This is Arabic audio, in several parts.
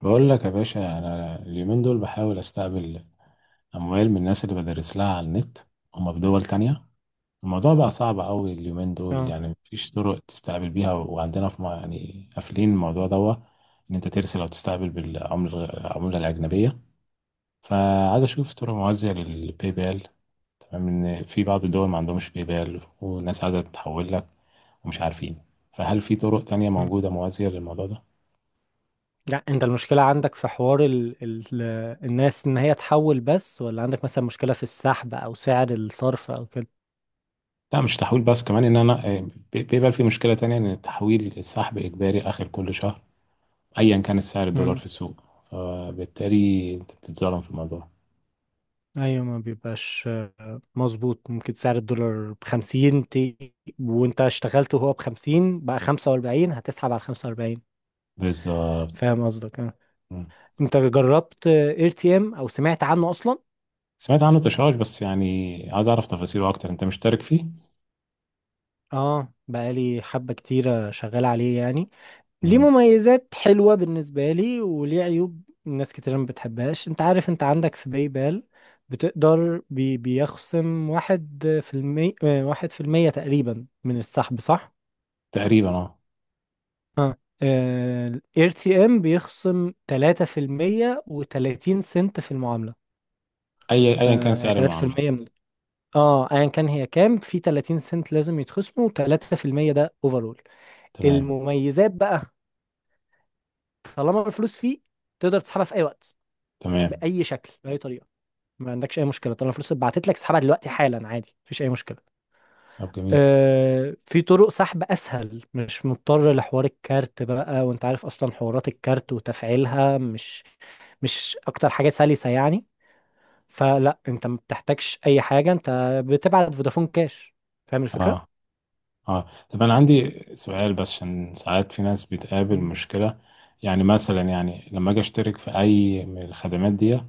بقول لك يا باشا، انا اليومين دول بحاول استقبل اموال من الناس اللي بدرس لها على النت، هما في دول تانية. الموضوع بقى صعب قوي اليومين دول، اه. يعني مفيش طرق تستقبل بيها وعندنا يعني قافلين الموضوع دوا ان انت ترسل او تستقبل بالعملة الاجنبية. فعايز اشوف طرق موازية للباي بال. تمام، ان في بعض الدول ما عندهمش باي بال وناس عايزة تحول لك ومش عارفين، فهل في طرق تانية مم. موجودة موازية للموضوع ده؟ لا، انت المشكلة عندك في حوار الناس، ان هي تحول بس، ولا عندك مثلا مشكلة في السحب او سعر الصرف او كده؟ لا، مش تحويل بس، كمان ان انا بيبقى في مشكله تانية ان السحب اجباري اخر كل شهر، ايا كان سعر الدولار مم. في السوق. فبالتالي انت بتتظلم في الموضوع. ايوه، ما بيبقاش مظبوط. ممكن سعر الدولار بخمسين، تي وانت اشتغلت وهو بخمسين بقى 45، هتسحب على 45. بالظبط. فاهم قصدك، اه. مم. انت جربت اير تي ام او سمعت عنه اصلا؟ سمعت عنه تشاش بس يعني، عايز اعرف تفاصيله اكتر. انت مشترك فيه؟ اه، بقالي حبة كتيرة شغال عليه يعني. ليه مم. مميزات حلوة بالنسبة لي، وليه عيوب ناس كتير ما بتحبهاش. انت عارف انت عندك في بايبال بتقدر بيخصم 1%، 1% تقريبا من السحب، صح؟ تقريبا، اه. الاي تي ام بيخصم 3% وتلاتين سنت في المعاملة. ايا كان يعني سعر تلاتة في المعامله. المية من اه ايا كان هي كام، في 30 سنت لازم يتخصموا وتلاتة في المية، ده اوفرول. تمام. المميزات بقى، طالما الفلوس فيه تقدر تسحبها في اي وقت تمام. بأي شكل بأي طريقة. ما عندكش اي مشكله، طالما الفلوس اتبعتت لك اسحبها دلوقتي حالا عادي، مفيش اي مشكله. طب جميل. في طرق سحب اسهل، مش مضطر لحوار الكارت بقى، وانت عارف اصلا حوارات الكارت وتفعيلها مش اكتر حاجه سلسه يعني. فلا انت ما بتحتاجش اي حاجه، انت بتبعت فودافون كاش، فاهم الفكره؟ اه. اه، طب انا عندي سؤال بس عشان ساعات في ناس بتقابل مم. مشكلة. يعني مثلا يعني لما اجي اشترك في اي من الخدمات دي،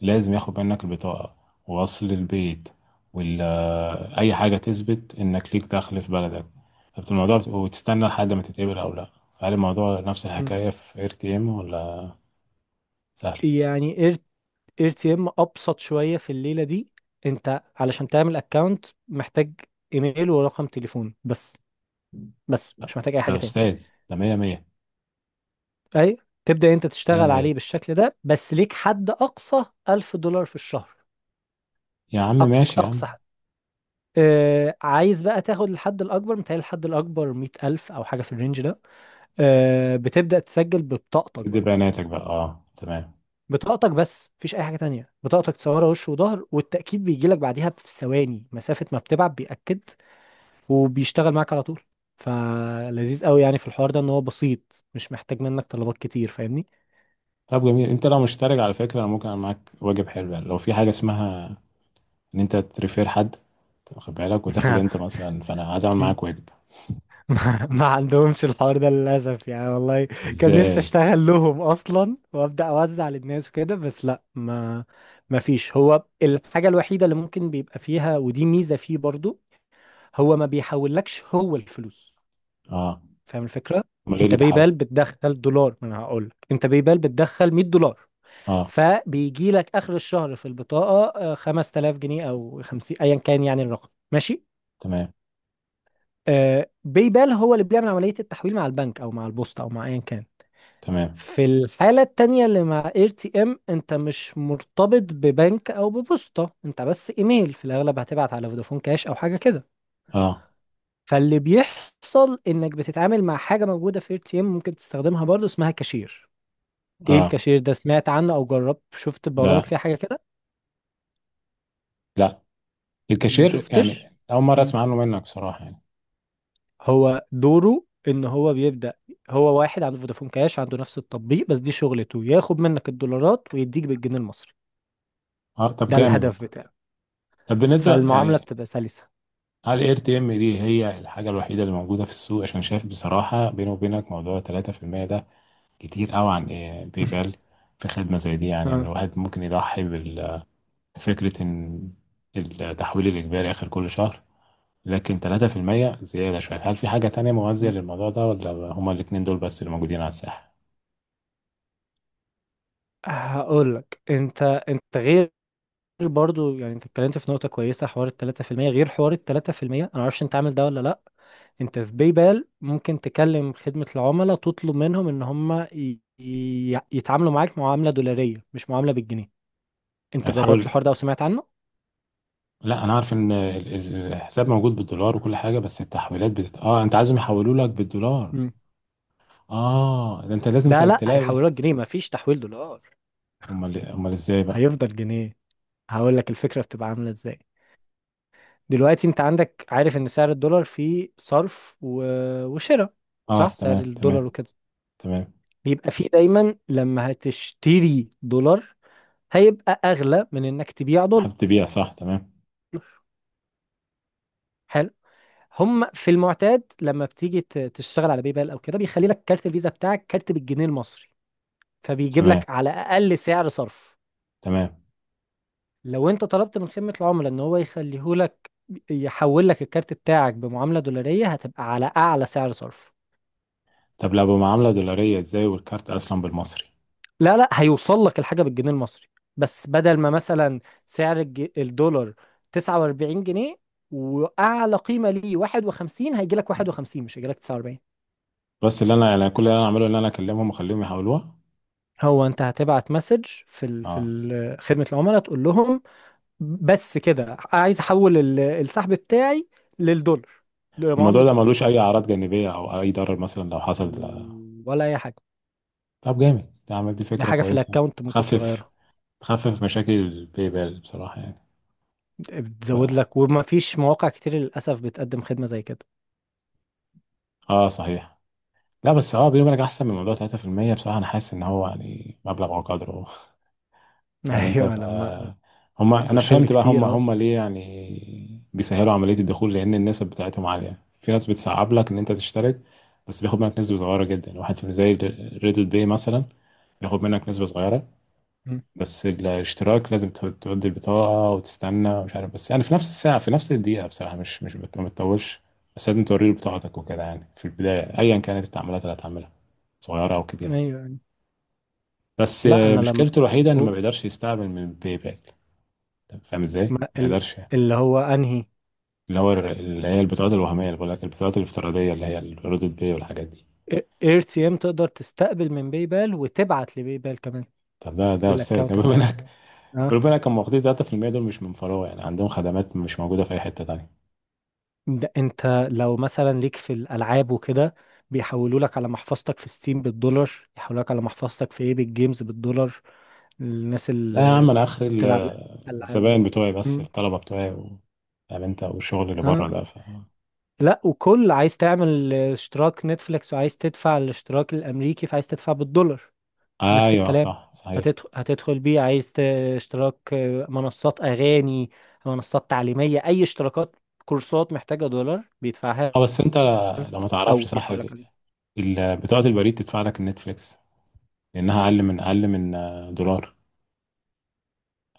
لازم ياخد منك البطاقة ووصل البيت ولا اي حاجة تثبت انك ليك دخل في بلدك. طب الموضوع وتستنى لحد ما تتقبل او لا. فهل الموضوع نفس مم. الحكاية في ار تي ام ولا سهل؟ يعني اير تي ام ابسط شويه في الليله دي. انت علشان تعمل اكونت محتاج ايميل ورقم تليفون بس، بس لا، مش محتاج اي حاجه ده تاني. استاذ، ده مية مية. اي، تبدأ انت مية تشتغل عليه مية بالشكل ده، بس ليك حد اقصى 1000 دولار في الشهر. يا عم، ماشي يا اقصى عم. حد، عايز بقى تاخد الحد الاكبر. متهيألي الحد الاكبر 100,000 او حاجة في الرينج ده. بتبدأ تسجل ببطاقتك تدي بقى. بياناتك بقى، اه تمام. بطاقتك بس، مفيش اي حاجة تانية. بطاقتك تصورها وش وظهر، والتأكيد بيجي لك بعديها في ثواني مسافة ما بتبعت بيأكد، وبيشتغل معاك على طول. فلذيذ قوي يعني في الحوار ده، ان هو بسيط مش محتاج منك طلبات كتير، فاهمني؟ طب جميل، انت لو مشترك على فكره، انا ممكن اعمل معاك واجب حلو يعني، لو في حاجه اسمها ان انت تريفير حد، واخد بالك، وتاخد انت مثلا، فانا عايز اعمل معاك واجب. ما عندهمش الحوار ده للأسف يعني، والله كان نفسي ازاي؟ أشتغل لهم أصلا وأبدأ أوزع للناس وكده، بس لا، ما فيش. هو الحاجة الوحيدة اللي ممكن بيبقى فيها، ودي ميزة فيه برضو، هو ما بيحولكش هو الفلوس. اه. فاهم الفكرة؟ امال ايه أنت اللي باي بحاول؟ بتدخل دولار، ما أنا هقول لك أنت باي بتدخل 100 دولار، اه. فبيجي لك آخر الشهر في البطاقة، 5000 جنيه أو 50، أيا كان يعني. الرقم ماشي؟ تمام. باي بال هو اللي بيعمل عملية التحويل مع البنك أو مع البوسطة أو مع أيا كان. تمام. في الحالة التانية اللي مع اير تي ام، انت مش مرتبط ببنك او ببوسطة، انت بس ايميل في الاغلب، هتبعت على فودافون كاش او حاجة كده. اه. فاللي بيحصل انك بتتعامل مع حاجة موجودة في اير تي ام ممكن تستخدمها برضو، اسمها كاشير. ايه اه. الكاشير ده؟ سمعت عنه او جربت؟ شفت برامج لا. فيها حاجة كده؟ لا. ما الكاشير شفتش. يعني اول مره مم. اسمع عنه منك بصراحه يعني. هو دوره ان هو بيبدأ، هو واحد عنده فودافون كاش عنده نفس التطبيق، بس دي شغلته، ياخد منك الدولارات ويديك بالجنيه المصري. اه، طب ده جامد الهدف والله. بتاعه. طب بالنسبه فالمعاملة يعني، بتبقى سلسة. هل الاي تي ام دي هي الحاجه الوحيده اللي موجوده في السوق؟ عشان شايف بصراحه بيني وبينك، موضوع 3% ده كتير قوي عن إيه بيبال؟ في خدمة زي دي يعني، يعني آه. الواحد ممكن يضحي بفكرة إن التحويل الإجباري آخر كل شهر، لكن 3% زيادة شوية. هل في حاجة تانية موازية للموضوع ده ولا هما الاتنين دول بس اللي موجودين على الساحة؟ هقول لك انت، انت غير برضو يعني. انت اتكلمت في نقطة كويسة، حوار ال 3% غير حوار ال 3%. انا معرفش انت عامل ده ولا لا. انت في بايبال ممكن تكلم خدمة العملاء، تطلب منهم ان هم يتعاملوا معاك معاملة دولارية مش معاملة بالجنيه. انت جربت هتحاول. الحوار ده وسمعت عنه؟ لا، أنا عارف إن الحساب موجود بالدولار وكل حاجة، بس التحويلات بتت... آه أنت عايزهم يحولوا لك بالدولار. مم. آه، ده أنت لازم ت- لا لا، تلاقي هيحولوك جنيه، مفيش تحويل دولار. أمال إيه؟ أمال إزاي بقى؟ هيفضل جنيه. هقول لك الفكرة بتبقى عاملة ازاي. دلوقتي انت عندك عارف ان سعر الدولار فيه صرف وشراء، آه، صح؟ سعر تمام. الدولار تمام. وكده. تمام. بيبقى فيه دايما، لما هتشتري دولار هيبقى اغلى من انك تبيع دولار. حابب تبيع، صح، تمام. حلو. هم في المعتاد لما بتيجي تشتغل على باي بال او كده، بيخلي لك كارت الفيزا بتاعك كارت بالجنيه المصري، فبيجيب تمام. لك على اقل سعر صرف. تمام. لو انت طلبت من خدمة العملاء ان هو يخليه لك، يحول لك الكارت بتاعك بمعاملة دولارية، هتبقى على اعلى سعر صرف. طب لو بمعاملة دولارية ازاي والكارت اسلم بالمصري؟ لا لا، هيوصل لك الحاجة بالجنيه المصري بس. بدل ما مثلا سعر الدولار 49 جنيه، وأعلى قيمة ليه 51، هيجي لك 51 مش هيجي لك 49. بس اللي انا يعني، كل اللي انا اعمله ان انا اكلمهم واخليهم يحولوها. هو أنت هتبعت مسج في ال في اه. ال خدمة العملاء، تقول لهم بس كده، عايز أحول السحب بتاعي للدولار، الموضوع لمعاملة ده ملوش الدولار. اي اعراض جانبية او اي ضرر مثلا لو حصل؟ لا. ولا أي حاجة. طب جامد، ده عمل، دي دي فكرة حاجة في كويسة. الأكاونت ممكن تخفف تغيرها، تخفف مشاكل الباي بال بصراحة يعني. ف... بتزود لك، وما فيش مواقع كتير للأسف بتقدم خدمة زي كده. اه صحيح. لا بس اه بيني وبينك، احسن من موضوع 3% بصراحة، انا حاسس ان هو يعني مبلغ وقدره. فاهم انت؟ أيوه لما. هم انا والشغل فهمت بقى، هم كتير، اه. هم ليه يعني بيسهلوا عمليه الدخول. لان النسب بتاعتهم عاليه، في ناس بتصعب لك ان انت تشترك، بس بياخد منك نسبه صغيره جدا، 1%، زي ريدت باي مثلا، بياخد منك نسبه صغيره. مم. بس الاشتراك لازم تودي البطاقه وتستنى ومش عارف. بس يعني في نفس الساعه، في نفس الدقيقه بصراحه، مش ما بتطولش. بس لازم توري له بطاقتك وكده يعني في البدايه، ايا كانت التعاملات اللي هتعملها، صغيره او كبيره. ايوه. أيوة. بس لا انا لما مشكلته الوحيده انه ما بقول، بيقدرش يستقبل من باي باك. طب فاهم ازاي؟ ما ما يقدرش. اللي هو انهي، اللي هي البطاقات الوهمية، اللي بقول لك البطاقات الافتراضية، اللي هي الردود بي والحاجات دي. اير تي ام تقدر تستقبل من باي بال وتبعت لباي بال كمان طب ده يا استاذ، بالاكونت بتاعك. ربنا، اه. ربنا كان واخدين 3% دول مش من فراغ يعني، عندهم خدمات مش موجودة في أي حتة تانية. ده انت لو مثلا ليك في الالعاب وكده، بيحولوا لك على محفظتك في ستيم بالدولار، يحولوا لك على محفظتك في ايبك جيمز بالدولار. الناس لا يا اللي عم، أنا آخر بتلعب الالعاب. الزباين بتوعي بس، مم. الطلبة بتوعي و... فاهم أنت والشغل اللي بره اه ده؟ لا، وكل عايز تعمل اشتراك نتفليكس وعايز تدفع الاشتراك الامريكي فعايز تدفع بالدولار، نفس أيوه، الكلام. صح صحيح. هتدخل بيه، عايز اشتراك، منصات اغاني، منصات تعليميه، اي اشتراكات، كورسات محتاجه دولار بيدفعها أه بس أنت لو ما او تعرفش، صح بيحولك عليه. بطاقة البريد تدفع لك النتفليكس، لأنها أقل من دولار،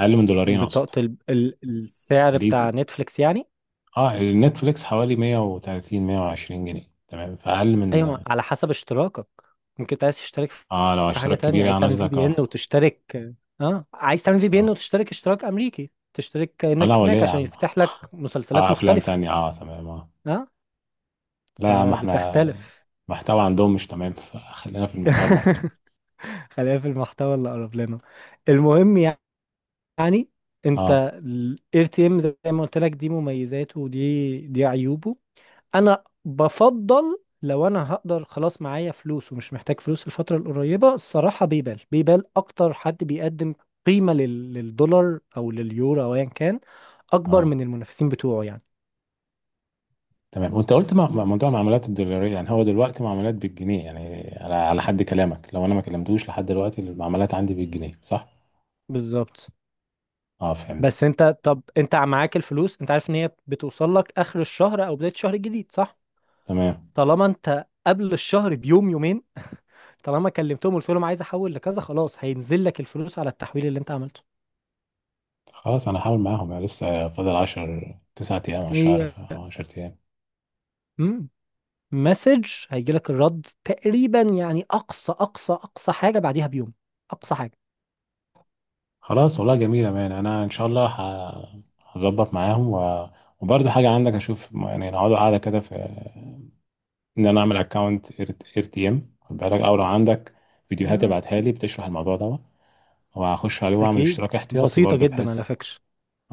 أقل من دولارين أقصد. بطاقه السعر بتاع الايزي. نتفليكس يعني. اه، نتفليكس حوالي 130 120 جنيه تمام، فاقل ايوه من. على حسب اشتراكك. ممكن انت عايز تشترك اه، لو في حاجه اشتراك تانية، كبير عايز يعني تعمل في قصدك، بي ان اه. وتشترك. اه عايز تعمل في بي ان اه. وتشترك اشتراك امريكي، تشترك آه، لا، انك ولا هناك يا عشان عم. يفتح لك اه، مسلسلات افلام مختلفه. تانية. اه، تمام. اه. اه، لا يا عم، احنا فبتختلف. المحتوى عندهم مش تمام فخلينا في المحتوى المصري. خلينا في المحتوى اللي قرب لنا. المهم يعني، انت اه. الاي تي ام زي ما قلت لك دي مميزاته، دي عيوبه. انا بفضل لو انا هقدر خلاص، معايا فلوس ومش محتاج فلوس الفترة القريبة. الصراحة بيبال اكتر حد بيقدم قيمة للدولار او لليورو او ايا كان، اكبر اه من المنافسين بتوعه يعني. تمام. وانت قلت مع موضوع المعاملات الدولارية يعني، هو دلوقتي معاملات بالجنيه يعني على حد كلامك، لو انا ما كلمتوش لحد دلوقتي، المعاملات عندي بالجنيه، صح؟ بالظبط. اه، فهمت. بس انت، طب انت معاك الفلوس، انت عارف ان هي بتوصل لك اخر الشهر او بداية الشهر الجديد، صح؟ تمام. طالما انت قبل الشهر بيوم يومين، طالما كلمتهم قلت لهم عايز احول لكذا، خلاص هينزل لك الفلوس على التحويل اللي انت عملته. خلاص انا هحاول معاهم، يعني لسه فاضل 10 9 ايام على الشهر، هي ف 10 ايام. امم مسج هيجي لك الرد تقريبا يعني، اقصى حاجه بعديها بيوم، اقصى حاجه. خلاص والله جميل يا مان، انا ان شاء الله هظبط معاهم و... وبرضه حاجه عندك اشوف يعني، نقعدوا قاعده كده في ان انا اعمل اكونت ار تي ام، خد بالك، او لو عندك فيديوهات مم. ابعتها لي بتشرح الموضوع ده، وهخش عليه واعمل اكيد، اشتراك احتياطي بسيطه برضه جدا بحيث على فكره.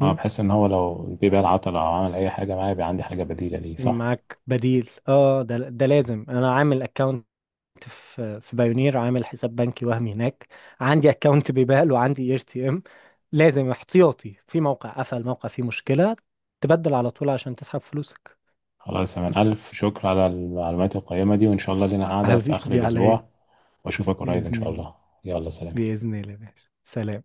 اه بحيث ان هو لو البي بقى العطل او عمل اي حاجه معايا، يبقى عندي حاجه بديله ليه، صح؟ معاك بديل، اه. ده لازم. انا عامل اكونت في بايونير، عامل حساب بنكي وهمي هناك. عندي اكونت بيبال وعندي اي تي ام. لازم احتياطي، في موقع قفل، موقع فيه مشكله، تبدل على طول عشان تسحب فلوسك. خلاص يا مان، الف شكر على المعلومات القيمه دي، وان شاء الله لنا قاعده في اخر حبيبي، على الاسبوع، ايه؟ واشوفك قريب ان بإذن شاء الله. الله. يلا سلام. بإذن الله، ماشي، سلام.